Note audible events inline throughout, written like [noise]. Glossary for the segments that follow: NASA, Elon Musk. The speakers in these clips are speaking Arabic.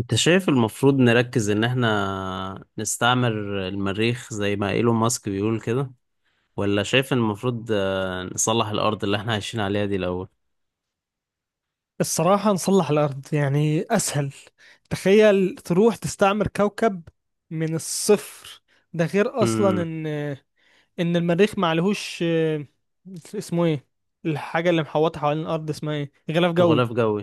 انت شايف المفروض نركز ان احنا نستعمر المريخ زي ما ايلون ماسك بيقول كده، ولا شايف ان المفروض نصلح الارض اللي احنا عايشين عليها دي الاول؟ الصراحة نصلح الأرض يعني أسهل. تخيل تروح تستعمر كوكب من الصفر. ده غير أصلا امم. إن المريخ معلهوش اسمه إيه؟ الحاجة اللي محوطة حوالين الأرض اسمها إيه؟ غلاف جوي. غلاف جوي.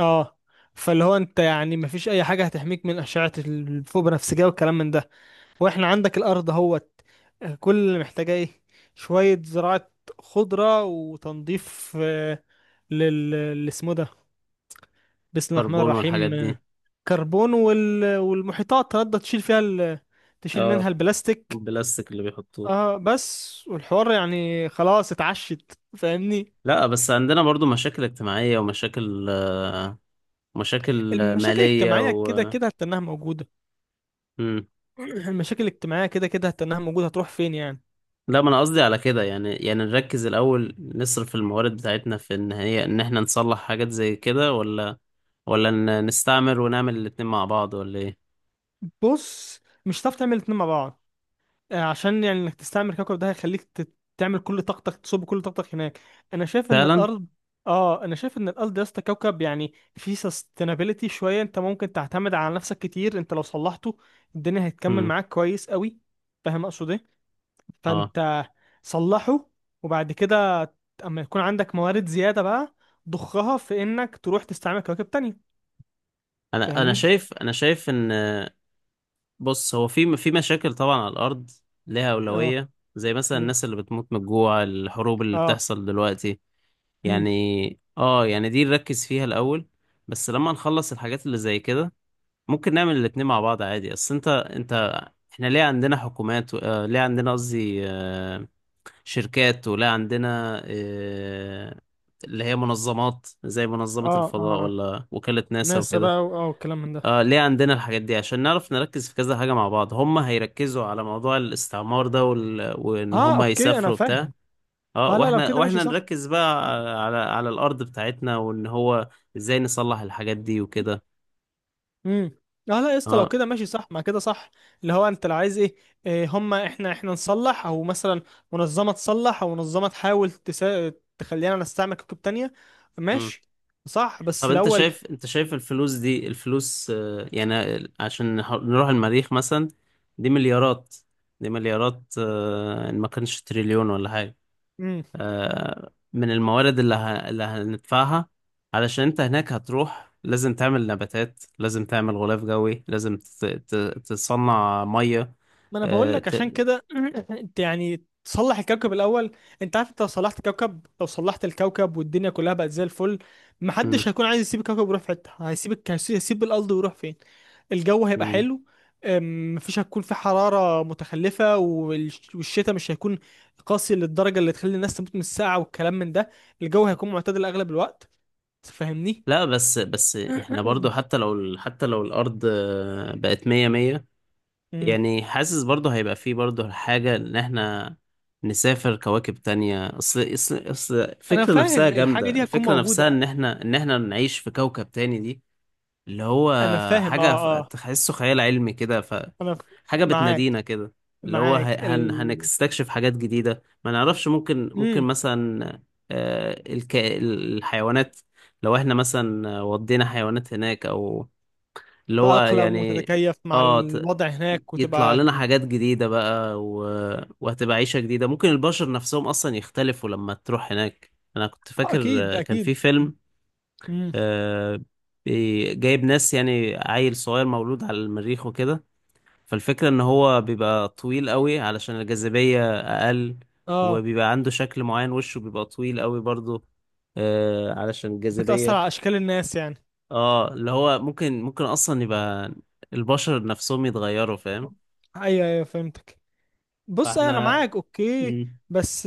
آه. فاللي هو أنت يعني مفيش أي حاجة هتحميك من أشعة الفوق بنفسجية والكلام من ده. وإحنا عندك الأرض اهوت، كل اللي محتاجاه إيه؟ شوية زراعة، خضرة، وتنظيف اللي اسمه ده، بسم الله الرحمن كربون والحاجات الرحيم، دي. كربون والمحيطات تقدر تشيل فيها تشيل منها اه. البلاستيك. البلاستيك اللي بيحطوه. اه بس والحوار يعني خلاص اتعشت، فاهمني. لا، بس عندنا برضو مشاكل اجتماعية، ومشاكل مشاكل المشاكل مالية الاجتماعية و... كده كده هتنها موجودة. مم. [clears throat] المشاكل الاجتماعية كده كده هتنها موجودة، هتروح فين يعني؟ لا، ما انا قصدي على كده، يعني نركز الاول، نصرف الموارد بتاعتنا في ان هي ان احنا نصلح حاجات زي كده، ولا نستعمر ونعمل الاتنين مع بعض، ولا ايه؟ بص، مش هتعرف تعمل الاتنين مع بعض. عشان يعني انك تستعمر كوكب ده هيخليك تعمل كل طاقتك، تصب كل طاقتك هناك. انا شايف ان فعلا. الارض، اه انا شايف ان الارض يا اسطى كوكب يعني فيه sustainability شويه، انت ممكن تعتمد على نفسك كتير، انت لو صلحته الدنيا هتكمل امم. معاك كويس قوي. فاهم اقصد ايه؟ اه، فانت صلحه، وبعد كده اما يكون عندك موارد زياده بقى ضخها في انك تروح تستعمل كواكب تانية. انا انا فاهمني؟ شايف انا شايف ان... بص، هو في مشاكل طبعا على الارض، ليها اه. اولويه، زي مثلا مم. الناس اللي بتموت من الجوع، الحروب اللي اه. بتحصل دلوقتي، مم. يعني. اه، يعني دي نركز فيها الاول، بس لما نخلص الحاجات اللي زي كده، ممكن نعمل الاتنين مع بعض عادي. اصل انت احنا ليه عندنا حكومات و... ليه عندنا قصدي شركات، ولا عندنا اللي هي منظمات زي منظمة اه اه الفضاء، آه. ولا وكالة ناسا ناسا وكده. بقى اه والكلام من ده. ليه عندنا الحاجات دي؟ عشان نعرف نركز في كذا حاجة مع بعض. هم هيركزوا على موضوع الاستعمار ده وإن اه هم اوكي انا يسافروا بتاع. فاهم. اه، اه لا لو واحنا كده ماشي واحنا صح. نركز بقى على الأرض بتاعتنا، وإن هو ازاي نصلح الحاجات دي وكده. امم. اه لا يا اسطى لو اه. كده ماشي صح، ما كده صح. اللي هو انت لو عايز ايه، إيه هما احنا نصلح، او مثلا منظمه تصلح، او منظمه تحاول تخلينا نستعمل كتب تانية. ماشي، صح، بس طب انت الاول شايف انت شايف الفلوس دي، الفلوس يعني عشان نروح المريخ مثلا، دي مليارات، دي مليارات، ان ما كانش تريليون ولا حاجة، من الموارد اللي هندفعها. علشان انت هناك هتروح، لازم تعمل نباتات، لازم تعمل غلاف جوي، لازم تصنع مية. ما انا بقول آه، لك ت... عشان كده [clears throat] انت يعني تصلح الكوكب الاول. انت عارف انت لو صلحت كوكب، لو صلحت الكوكب والدنيا كلها بقت زي الفل، مم، محدش هيكون عايز يسيب الكوكب ويروح في حته، هيسيب هيسيب الارض ويروح فين؟ الجو هيبقى مم. حلو. مفيش، هتكون في حرارة متخلفة، والشتاء مش هيكون قاسي للدرجة اللي تخلي الناس تموت من السقعة والكلام من ده. الجو هيكون معتدل أغلب الوقت، تفهمني؟ لا، بس احنا برضو [clears throat] حتى لو حتى لو الأرض بقت مية مية، أمم. [coughs] يعني حاسس برضه هيبقى فيه برضه حاجة إن إحنا نسافر كواكب تانية. أصل أنا الفكرة نفسها فاهم، الحاجة جامدة، دي هتكون الفكرة نفسها موجودة. إن إحنا نعيش في كوكب تاني دي، اللي هو أنا فاهم، حاجة أه. تحسه خيال علمي كده، فحاجة أنا ف- معاك. بتنادينا كده، اللي هو ه- معاك هن هنستكشف حاجات جديدة ما نعرفش. ممكن مم. مثلا الحيوانات، لو إحنا مثلا ودينا حيوانات هناك، أو اللي هو تتأقلم يعني... وتتكيف مع اه الوضع هناك يطلع وتبقى. لنا حاجات جديدة بقى، و... وهتبقى عيشة جديدة، ممكن البشر نفسهم أصلا يختلفوا لما تروح هناك. أنا كنت آه، فاكر أكيد كان أكيد في فيلم، مم. آه، جايب ناس، يعني عيل صغير مولود على المريخ وكده. فالفكرة إن هو بيبقى طويل قوي علشان الجاذبية أقل، اه وبيبقى عنده شكل معين، وشه بيبقى طويل قوي برضه، علشان بتأثر الجاذبية. على أشكال الناس يعني. اه، اللي هو ممكن اصلا يبقى البشر نفسهم يتغيروا، فاهم. أيوه، فهمتك. بص أنا فاحنا... معاك، أوكي، مم. بس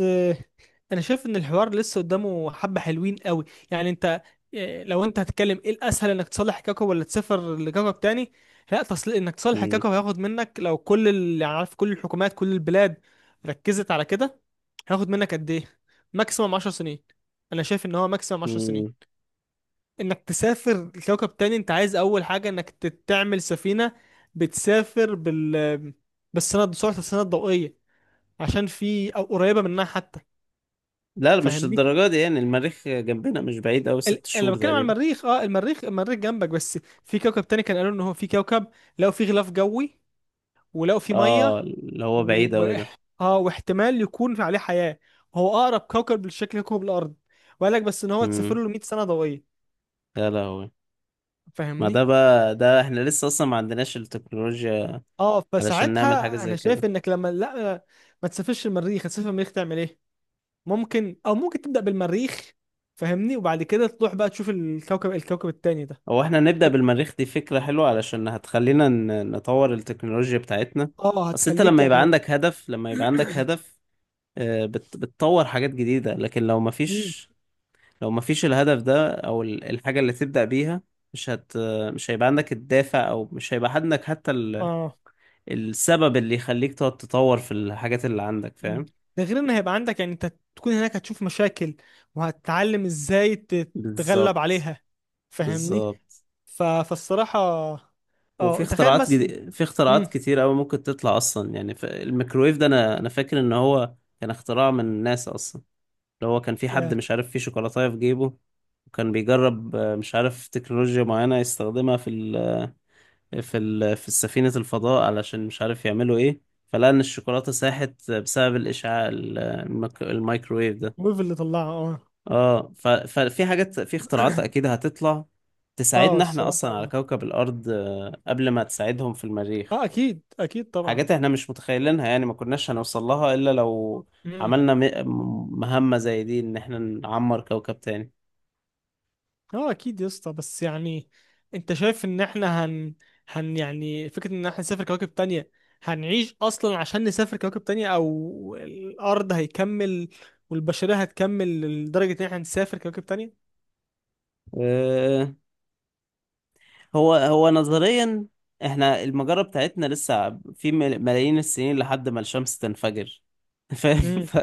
انا شايف ان الحوار لسه قدامه حبة حلوين قوي. يعني انت إيه، لو انت هتتكلم، ايه الاسهل، انك تصلح كاكو ولا تسافر لكاكو تاني؟ لا، تصل انك تصلح مم. كاكو هياخد منك، لو كل اللي عارف، كل الحكومات، كل البلاد ركزت على كده هياخد منك قد ايه؟ ماكسيمم 10 سنين. انا شايف ان هو ماكسيمم 10 سنين. مم. انك تسافر لكوكب تاني انت عايز اول حاجة انك تعمل سفينة بتسافر بالسنة، بسرعة السنة الضوئية، عشان في، او قريبة منها حتى. لا، مش للدرجة دي. يعني المريخ جنبنا، مش بعيد أوي، ست انا لما شهور بتكلم على تقريبا. المريخ، اه المريخ جنبك، بس في كوكب تاني كان قالوا ان هو في كوكب لقوا فيه غلاف جوي، ولقوا فيه اه، ميه، اللي هو بعيد و... أوي ده. اه واحتمال يكون عليه حياه. هو اقرب كوكب لشكل كوكب الارض، وقال لك بس ان هو تسافر مم. له 100 سنه ضوئيه. يا لهوي، ما ده فاهمني؟ بقى ده احنا لسه اصلا ما عندناش التكنولوجيا اه علشان نعمل حاجة فساعتها زي انا شايف كده. انك لما لا، ما تسافرش المريخ، هتسافر المريخ تعمل ايه؟ ممكن، او ممكن تبدا بالمريخ، فاهمني، وبعد كده تروح بقى تشوف الكوكب التاني ده. هو احنا نبدأ بالمريخ دي فكرة حلوة، علشان هتخلينا نطور التكنولوجيا بتاعتنا. اه اصل انت هتخليك لما يبقى يعني. عندك هدف لما يبقى عندك هدف بتطور حاجات جديدة. لكن لو مم. مفيش، لو مفيش الهدف ده، أو الحاجة اللي تبدأ بيها، مش هت مش هيبقى عندك الدافع، أو مش هيبقى عندك حتى ال... اه. السبب اللي يخليك تقعد تطور في الحاجات اللي عندك، مم. فاهم. ده غير ان هيبقى عندك يعني، انت تكون هناك هتشوف مشاكل وهتتعلم ازاي تتغلب بالظبط، عليها، فاهمني. بالظبط. فالصراحة، اه تخيل مثلا. في اختراعات امم. كتير أوي ممكن تطلع أصلا يعني، ف... الميكرويف ده، أنا فاكر إن هو كان اختراع من ناس أصلا. اللي هو كان في حد يا مش عارف فيه شوكولاتاية في جيبه، وكان بيجرب مش عارف تكنولوجيا معينة يستخدمها في في سفينة الفضاء، علشان مش عارف يعملوا ايه، فلقى ان الشوكولاتة ساحت بسبب الاشعاع الميكروويف ده. ويف اللي طلعها. اه اه، ففي حاجات، في اختراعات اكيد هتطلع اه تساعدنا احنا اصلا على الصراحة. كوكب الارض، قبل ما تساعدهم في المريخ. اه اكيد طبعا. حاجات احنا مش متخيلينها، يعني ما كناش هنوصل لها الا لو مم. عملنا مهمة زي دي، ان احنا نعمر كوكب تاني. اه اكيد يا اسطى، بس يعني انت شايف ان احنا هن يعني، فكرة ان احنا نسافر كواكب تانية، هنعيش اصلا عشان نسافر كواكب تانية، او الارض هيكمل والبشرية هتكمل لدرجة ان احنا نسافر كواكب تانية؟ آه، هو نظريا احنا المجرة بتاعتنا لسه في ملايين السنين لحد ما الشمس تنفجر. [laughs] فاهم، امم. ف...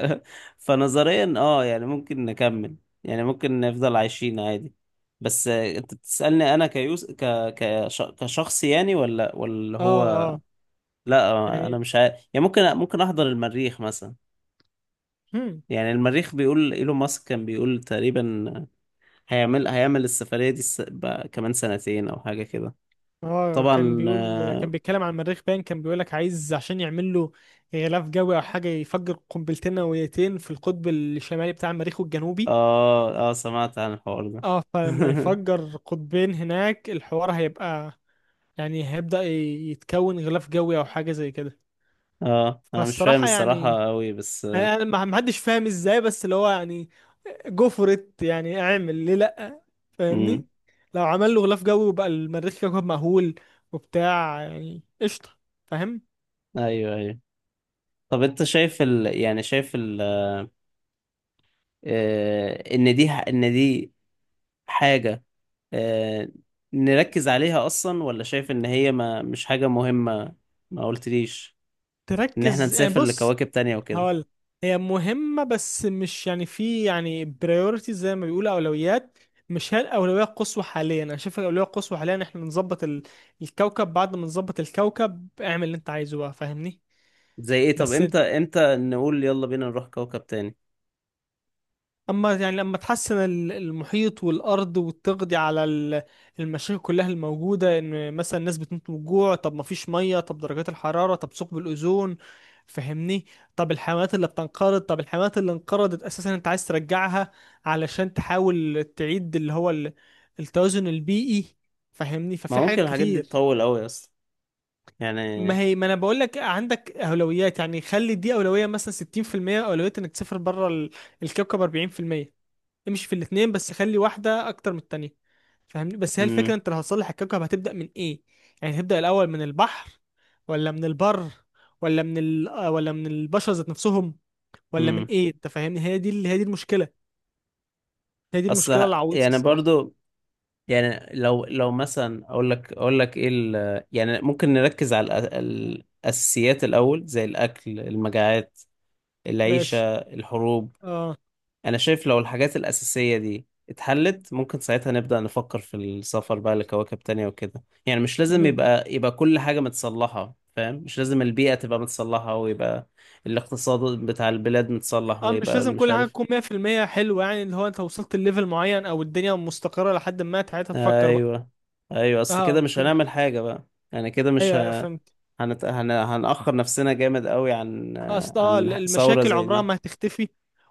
فنظريا اه، يعني ممكن نكمل، يعني ممكن نفضل عايشين عادي. بس انت بتسألني انا كيوس كشخص يعني، ولا اه هو، اه لا انا يعني. مش عارف. يعني ممكن احضر المريخ مثلا. امم. يعني المريخ، بيقول ايلون ماسك كان بيقول تقريبا هيعمل السفرية دي بقى كمان سنتين او حاجة كده. اه طبعا. كان بيقول، كان بيتكلم عن المريخ باين، كان بيقول لك عايز عشان يعمل له غلاف جوي او حاجة يفجر قنبلتين نوويتين في القطب الشمالي بتاع المريخ والجنوبي. اه، اه، سمعت عن الحوار ده. اه فلما [laughs] يفجر قطبين هناك الحوار هيبقى، يعني هيبدأ يتكون غلاف جوي او حاجة زي كده. اه، انا مش فاهم فالصراحة يعني الصراحة قوي بس. انا ما حدش فاهم ازاي، بس اللي هو يعني جفرت، يعني اعمل ليه لا، امم. فاهمني. لو عمل له غلاف جوي وبقى المريخ كوكب مأهول وبتاع، يعني قشطة، فاهم. ايوه، ايوه. طب انت شايف يعني شايف ال... ان دي حاجة آه... نركز عليها اصلا، ولا شايف ان هي ما مش حاجة مهمة؟ ما قلتليش ان احنا تركز يعني، نسافر بص لكواكب تانية وكده، هقول. هي مهمة بس مش يعني في يعني بريورتي، زي ما بيقولوا أولويات. مش هي الأولوية القصوى حاليا. أنا شايف الأولوية القصوى حاليا إحنا نظبط الكوكب. بعد ما نظبط الكوكب اعمل اللي أنت عايزه بقى، فاهمني؟ زي ايه. طب بس امتى نقول يلا بينا نروح كوكب تاني؟ اما يعني لما تحسن المحيط والارض، وتقضي على المشاكل كلها الموجوده، ان مثلا الناس بتموت من الجوع، طب ما فيش ميه، طب درجات الحراره، طب ثقب الاوزون، فهمني. طب الحيوانات اللي بتنقرض، طب الحيوانات اللي انقرضت اساسا انت عايز ترجعها علشان تحاول تعيد اللي هو التوازن البيئي، فهمني. ما ففي ممكن حاجات الحاجات دي كتير. تطول قوي اصلا، يعني. ما هي ما انا بقول لك عندك اولويات، يعني خلي دي اولويه مثلا 60% اولويه انك تسافر بره الكوكب 40%، امشي في الاتنين بس خلي واحدة أكتر من التانية، فاهمني. بس هي الفكرة، امم، أنت لو هتصلح الكوكب هتبدأ من إيه؟ يعني هتبدأ الأول من البحر، ولا من البر، ولا من ال... آه، ولا من البشر ذات نفسهم، ولا من امم. إيه؟ أنت فاهمني، هي دي هي دي المشكلة. هي دي اصل المشكلة العويصة يعني الصراحة. برضو، يعني لو مثلا اقول لك ايه، يعني ممكن نركز على الاساسيات الاول، زي الاكل، المجاعات، العيشه، ماشي. الحروب. اه. انا شايف لو الحاجات الاساسيه دي اتحلت، ممكن ساعتها نبدا نفكر في السفر بقى لكواكب تانية وكده، يعني مش [clears throat] لازم مم. يبقى كل حاجه متصلحه، فاهم. مش لازم البيئه تبقى متصلحه ويبقى الاقتصاد بتاع البلاد متصلح، اه مش ويبقى لازم مش كل حاجة عارف. تكون 100% حلوة، يعني اللي هو أنت وصلت لليفل معين، أو الدنيا مستقرة لحد ما، ساعتها تفكر بقى. ايوه، ايوه. اصل اه كده مش اوكي. هنعمل حاجه بقى، يعني كده مش ايوه، أيوة، ه... فهمت. هنأخر نفسنا جامد قوي عن اصل عن ثورة المشاكل زي عمرها دي، ما هتختفي،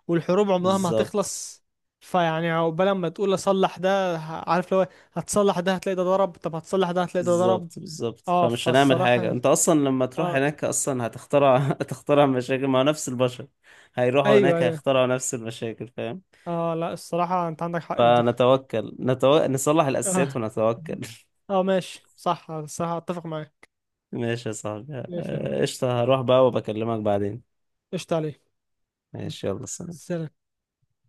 والحروب عمرها ما بالظبط، هتخلص. فيعني عقبال ما تقول اصلح ده، عارف، لو هتصلح ده هتلاقي ده ضرب، طب هتصلح ده هتلاقي ده ضرب. بالظبط، بالظبط. اه فمش هنعمل فالصراحة حاجة. يعني. انت اصلا لما تروح اه. هناك اصلا هتخترع [laughs] هتخترع مشاكل، ما هو نفس البشر هيروحوا ايوه هناك ايوه هيخترعوا نفس المشاكل، فاهم. اه لا الصراحة انت عندك حق في دي. فنتوكل، نصلح الأساسيات اه ونتوكل [laughs] اه ماشي صح، الصراحة اتفق معاك. ماشي يا صاحبي، ماشي يا أخوي. قشطة، هروح بقى وبكلمك بعدين. قشطة عليك. ماشي، يلا، سلام. سلام.